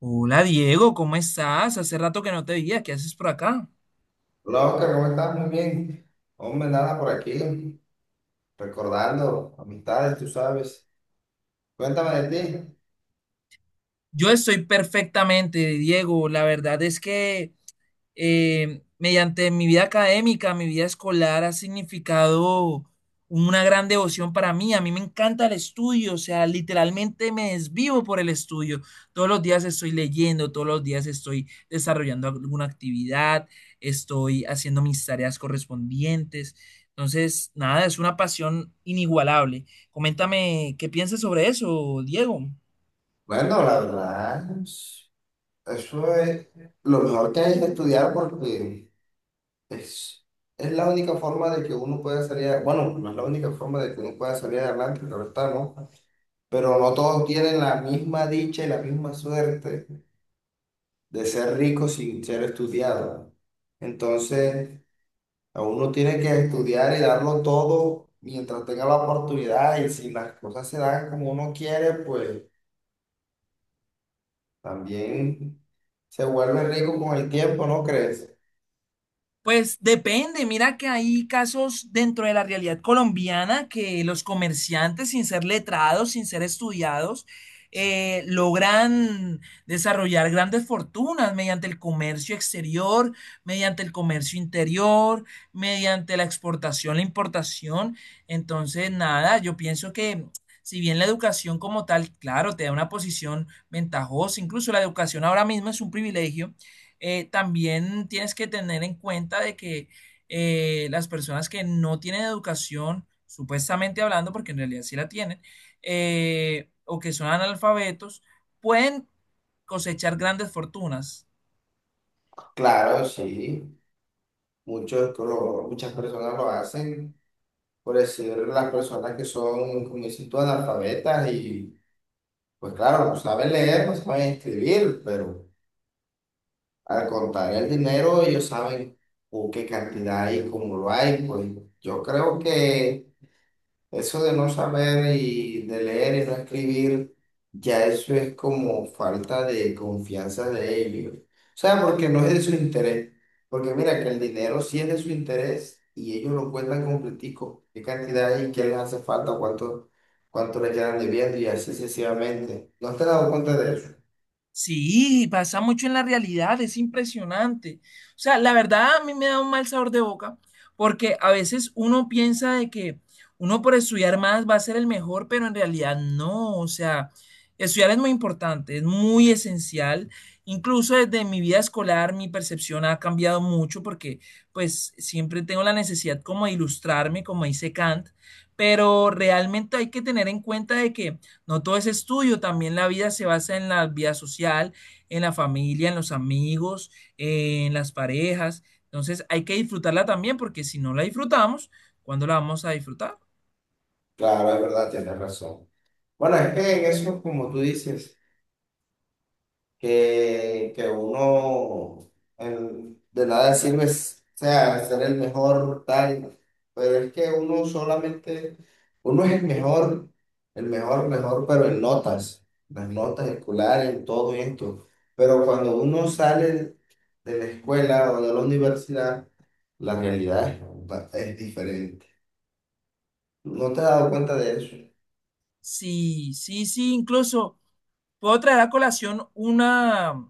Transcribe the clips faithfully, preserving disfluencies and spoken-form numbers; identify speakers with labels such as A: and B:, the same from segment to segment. A: Hola, Diego, ¿cómo estás? Hace rato que no te veía, ¿qué haces por acá?
B: Hola Oscar, ¿cómo estás? Muy bien. Hombre, nada por aquí, recordando amistades, tú sabes. Cuéntame de ti.
A: Yo estoy perfectamente, Diego. La verdad es que eh, mediante mi vida académica, mi vida escolar, ha significado una gran devoción para mí. A mí me encanta el estudio, o sea, literalmente me desvivo por el estudio. Todos los días estoy leyendo, todos los días estoy desarrollando alguna actividad, estoy haciendo mis tareas correspondientes. Entonces, nada, es una pasión inigualable. Coméntame qué piensas sobre eso, Diego.
B: Bueno, la verdad, es- eso es lo mejor que hay es estudiar porque es, es la única forma de que uno pueda salir, a- bueno, no es la única forma de que uno pueda salir adelante, claro está, ¿no? Pero no todos tienen la misma dicha y la misma suerte de ser ricos sin ser estudiados. Entonces a uno tiene que estudiar y darlo todo mientras tenga la oportunidad y si las cosas se dan como uno quiere, pues también se vuelve rico con el tiempo, ¿no crees?
A: Pues depende, mira que hay casos dentro de la realidad colombiana que los comerciantes, sin ser letrados, sin ser estudiados, eh, logran desarrollar grandes fortunas mediante el comercio exterior, mediante el comercio interior, mediante la exportación, la importación. Entonces, nada, yo pienso que si bien la educación como tal, claro, te da una posición ventajosa, incluso la educación ahora mismo es un privilegio. Eh, también tienes que tener en cuenta de que eh, las personas que no tienen educación, supuestamente hablando, porque en realidad sí la tienen, eh, o que son analfabetos, pueden cosechar grandes fortunas.
B: Claro, sí, muchos, lo- muchas personas lo hacen, por decir las personas que son, como dices tú, analfabetas y pues claro, no saben leer, no saben escribir, pero al contar el dinero ellos saben o qué cantidad hay, cómo lo hay, pues yo creo que eso de no saber y de leer y no escribir, ya eso es como falta de confianza de ellos. O sea, porque no es de su interés. Porque mira que el dinero sí es de su interés y ellos lo cuentan completico. ¿Qué cantidad y qué les hace falta? ¿Cuánto, cuánto le quedan debiendo? Y así sucesivamente. ¿No te has dado cuenta de eso?
A: Sí, pasa mucho en la realidad, es impresionante. O sea, la verdad a mí me da un mal sabor de boca porque a veces uno piensa de que uno por estudiar más va a ser el mejor, pero en realidad no. O sea, estudiar es muy importante, es muy esencial. Incluso desde mi vida escolar mi percepción ha cambiado mucho porque pues siempre tengo la necesidad como de ilustrarme, como dice Kant, pero realmente hay que tener en cuenta de que no todo es estudio, también la vida se basa en la vida social, en la familia, en los amigos, en las parejas. Entonces hay que disfrutarla también porque si no la disfrutamos, ¿cuándo la vamos a disfrutar?
B: Claro, es verdad, tienes razón. Bueno, es que en eso, como tú dices, que, que uno, el- de nada sirve, s- o sea, ser el mejor, tal, pero es que uno solamente, uno es el mejor, el mejor, mejor, pero en notas, las notas escolares, en todo esto, pero cuando uno sale de la escuela o de la universidad, la realidad es, ba- es diferente. ¿No te has dado cuenta de eso?
A: Sí, sí, sí, incluso puedo traer a colación una,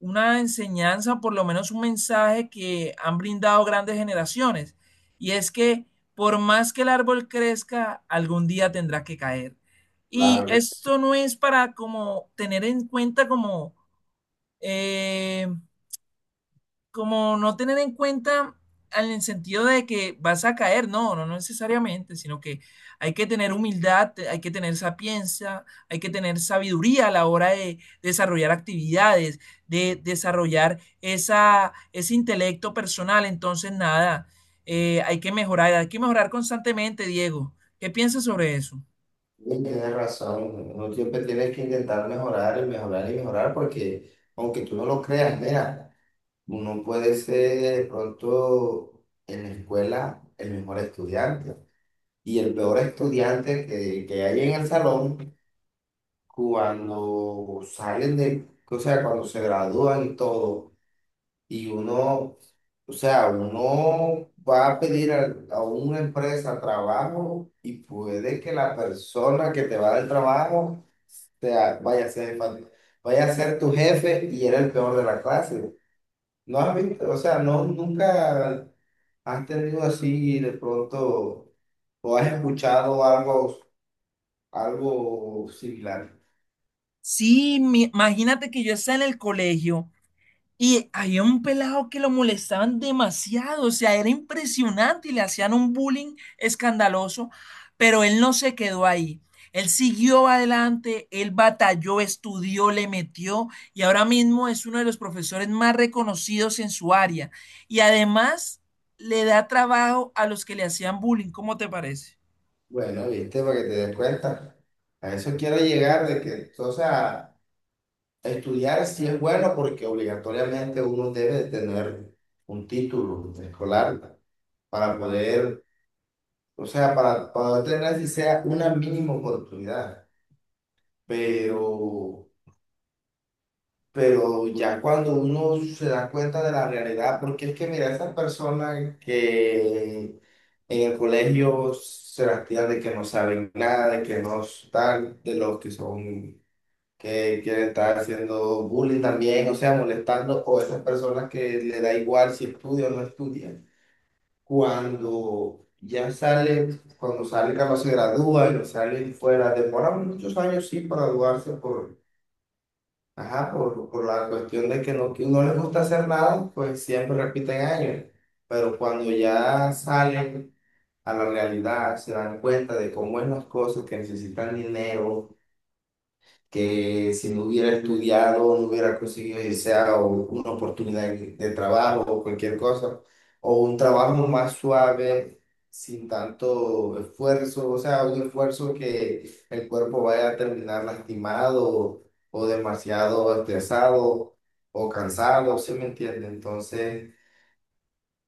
A: una enseñanza, por lo menos un mensaje que han brindado grandes generaciones. Y es que por más que el árbol crezca, algún día tendrá que caer. Y
B: Claro.
A: esto no es para como tener en cuenta como eh, como no tener en cuenta en el sentido de que vas a caer, no, no, no necesariamente, sino que hay que tener humildad, te- hay que tener sapiencia, hay que tener sabiduría a la hora de desarrollar actividades, de desarrollar esa, ese intelecto personal. Entonces, nada, eh, hay que mejorar, hay que mejorar constantemente, Diego. ¿Qué piensas sobre eso?
B: Sí, tienes razón, uno siempre tiene que intentar mejorar y mejorar y mejorar porque aunque tú no lo creas, mira, uno puede ser de pronto en la escuela el mejor estudiante y el peor estudiante que, que hay en el salón cuando salen de, o sea, cuando se gradúan y todo, y uno, o sea, uno va a pedir a, a una empresa trabajo y puede que la persona que te va a dar el trabajo sea, vaya a ser, fan- vaya a ser tu jefe y era el peor de la clase. No has visto, o sea, no, nunca has tenido así de pronto o has escuchado algo, algo similar.
A: Sí, mi- imagínate que yo estaba en el colegio y había un pelado que lo molestaban demasiado, o sea, era impresionante y le hacían un bullying escandaloso, pero él no se quedó ahí. Él siguió adelante, él batalló, estudió, le metió y ahora mismo es uno de los profesores más reconocidos en su área. Y además le da trabajo a los que le hacían bullying, ¿cómo te parece?
B: Bueno, viste, para que te des cuenta. A eso quiero llegar de que, o sea, estudiar sí es bueno porque obligatoriamente uno debe de tener un título escolar para poder, o sea, para, para poder tener si sea una mínima oportunidad. pero, pero ya cuando uno se da cuenta de la realidad, porque es que mira, esas personas que en el colegio se las tiran de que no saben nada, de que no están, de los que son, que quieren estar haciendo bullying también, o sea, molestando, o esas personas que le da igual si estudia o no estudia, cuando ya salen, cuando salen, capaz se gradúan, salen fuera, demoran muchos años, sí, para graduarse por, ajá, por, por la cuestión de que no, que no les gusta hacer nada, pues siempre repiten años. Pero cuando ya salen a la realidad, se dan cuenta de cómo es las cosas, que necesitan dinero, que si no hubiera estudiado, no hubiera conseguido, ya sea o una oportunidad de trabajo o cualquier cosa, o un trabajo más suave, sin tanto esfuerzo, o sea, un esfuerzo que el cuerpo vaya a terminar lastimado o demasiado estresado o cansado, ¿sí me entiende? Entonces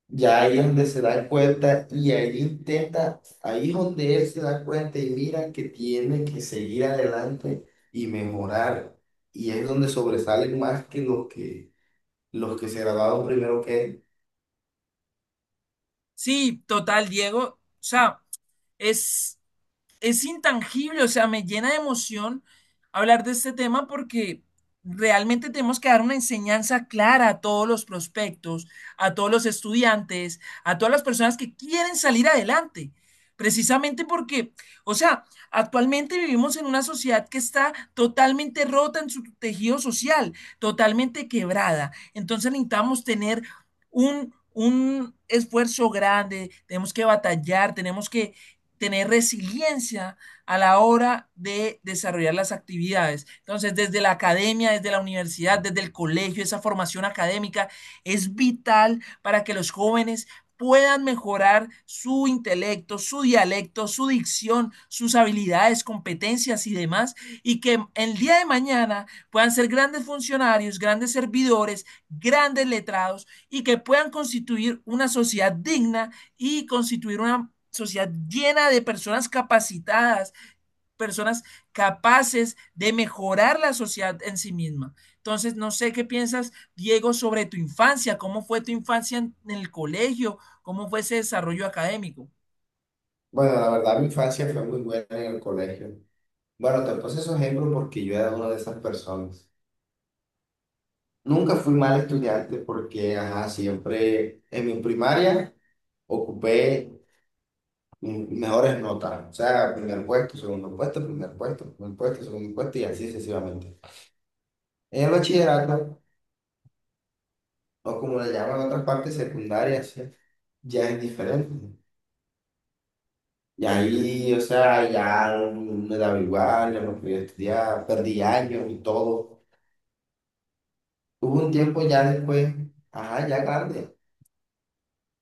B: ya ahí es donde se da cuenta y ahí intenta, ahí es donde él se da cuenta y mira que tiene que seguir adelante y mejorar. Y es donde sobresalen más que los que, los que se graduaron primero que él.
A: Sí, total, Diego. O sea, es es intangible, o sea, me llena de emoción hablar de este tema porque realmente tenemos que dar una enseñanza clara a todos los prospectos, a todos los estudiantes, a todas las personas que quieren salir adelante. Precisamente porque, o sea, actualmente vivimos en una sociedad que está totalmente rota en su tejido social, totalmente quebrada. Entonces necesitamos tener un, un esfuerzo grande, tenemos que batallar, tenemos que tener resiliencia a la hora de desarrollar las actividades. Entonces, desde la academia, desde la universidad, desde el colegio, esa formación académica es vital para que los jóvenes puedan mejorar su intelecto, su dialecto, su dicción, sus habilidades, competencias y demás, y que el día de mañana puedan ser grandes funcionarios, grandes servidores, grandes letrados, y que puedan constituir una sociedad digna y constituir una sociedad llena de personas capacitadas, personas capaces de mejorar la sociedad en sí misma. Entonces, no sé qué piensas, Diego, sobre tu infancia, cómo fue tu infancia en el colegio, cómo fue ese desarrollo académico.
B: Bueno, la verdad mi infancia fue muy buena en el colegio. Bueno, te puse esos ejemplos porque yo era una de esas personas. Nunca fui mal estudiante porque, ajá, siempre en mi primaria ocupé mm, mejores notas, o sea, primer puesto, segundo puesto, primer puesto, primer puesto, segundo puesto y así sucesivamente. En el bachillerato, o como le llaman en otras partes secundarias, ¿sí? Ya es diferente. Y ahí, o sea, ya no me daba igual, ya no podía estudiar, perdí años y todo. Hubo un tiempo ya después, ajá, ya grande,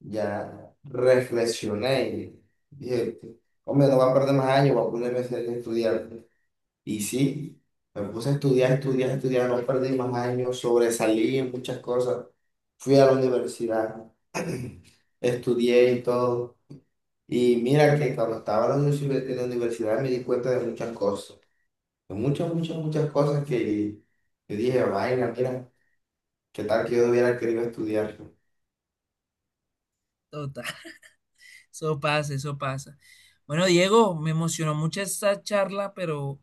B: ya reflexioné y dije, hombre, no voy a perder más años, voy a ponerme a hacer- a estudiar. Y sí, me puse a estudiar, estudiar, estudiar, no perdí más años, sobresalí en muchas cosas. Fui a la universidad, estudié y todo. Y mira que cuando estaba en la universi- en la universidad me di cuenta de muchas cosas, de muchas, muchas, muchas cosas que yo dije, vaina, mira, qué tal que yo hubiera querido estudiar.
A: Total, eso pasa, eso pasa. Bueno, Diego, me emocionó mucho esta charla, pero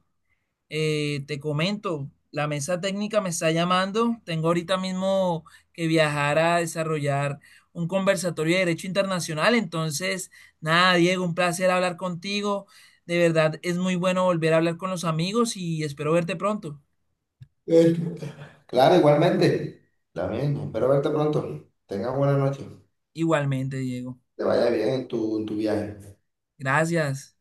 A: Eh, te comento, la mesa técnica me está llamando. Tengo ahorita mismo que viajar a desarrollar un conversatorio de Derecho Internacional. Entonces, nada, Diego, un placer hablar contigo. De verdad, es muy bueno volver a hablar con los amigos y espero verte pronto.
B: Esto. Claro, igualmente. También, espero verte pronto. Tengas buena noche.
A: Igualmente, Diego.
B: Te vaya bien en tu, en tu viaje.
A: Gracias.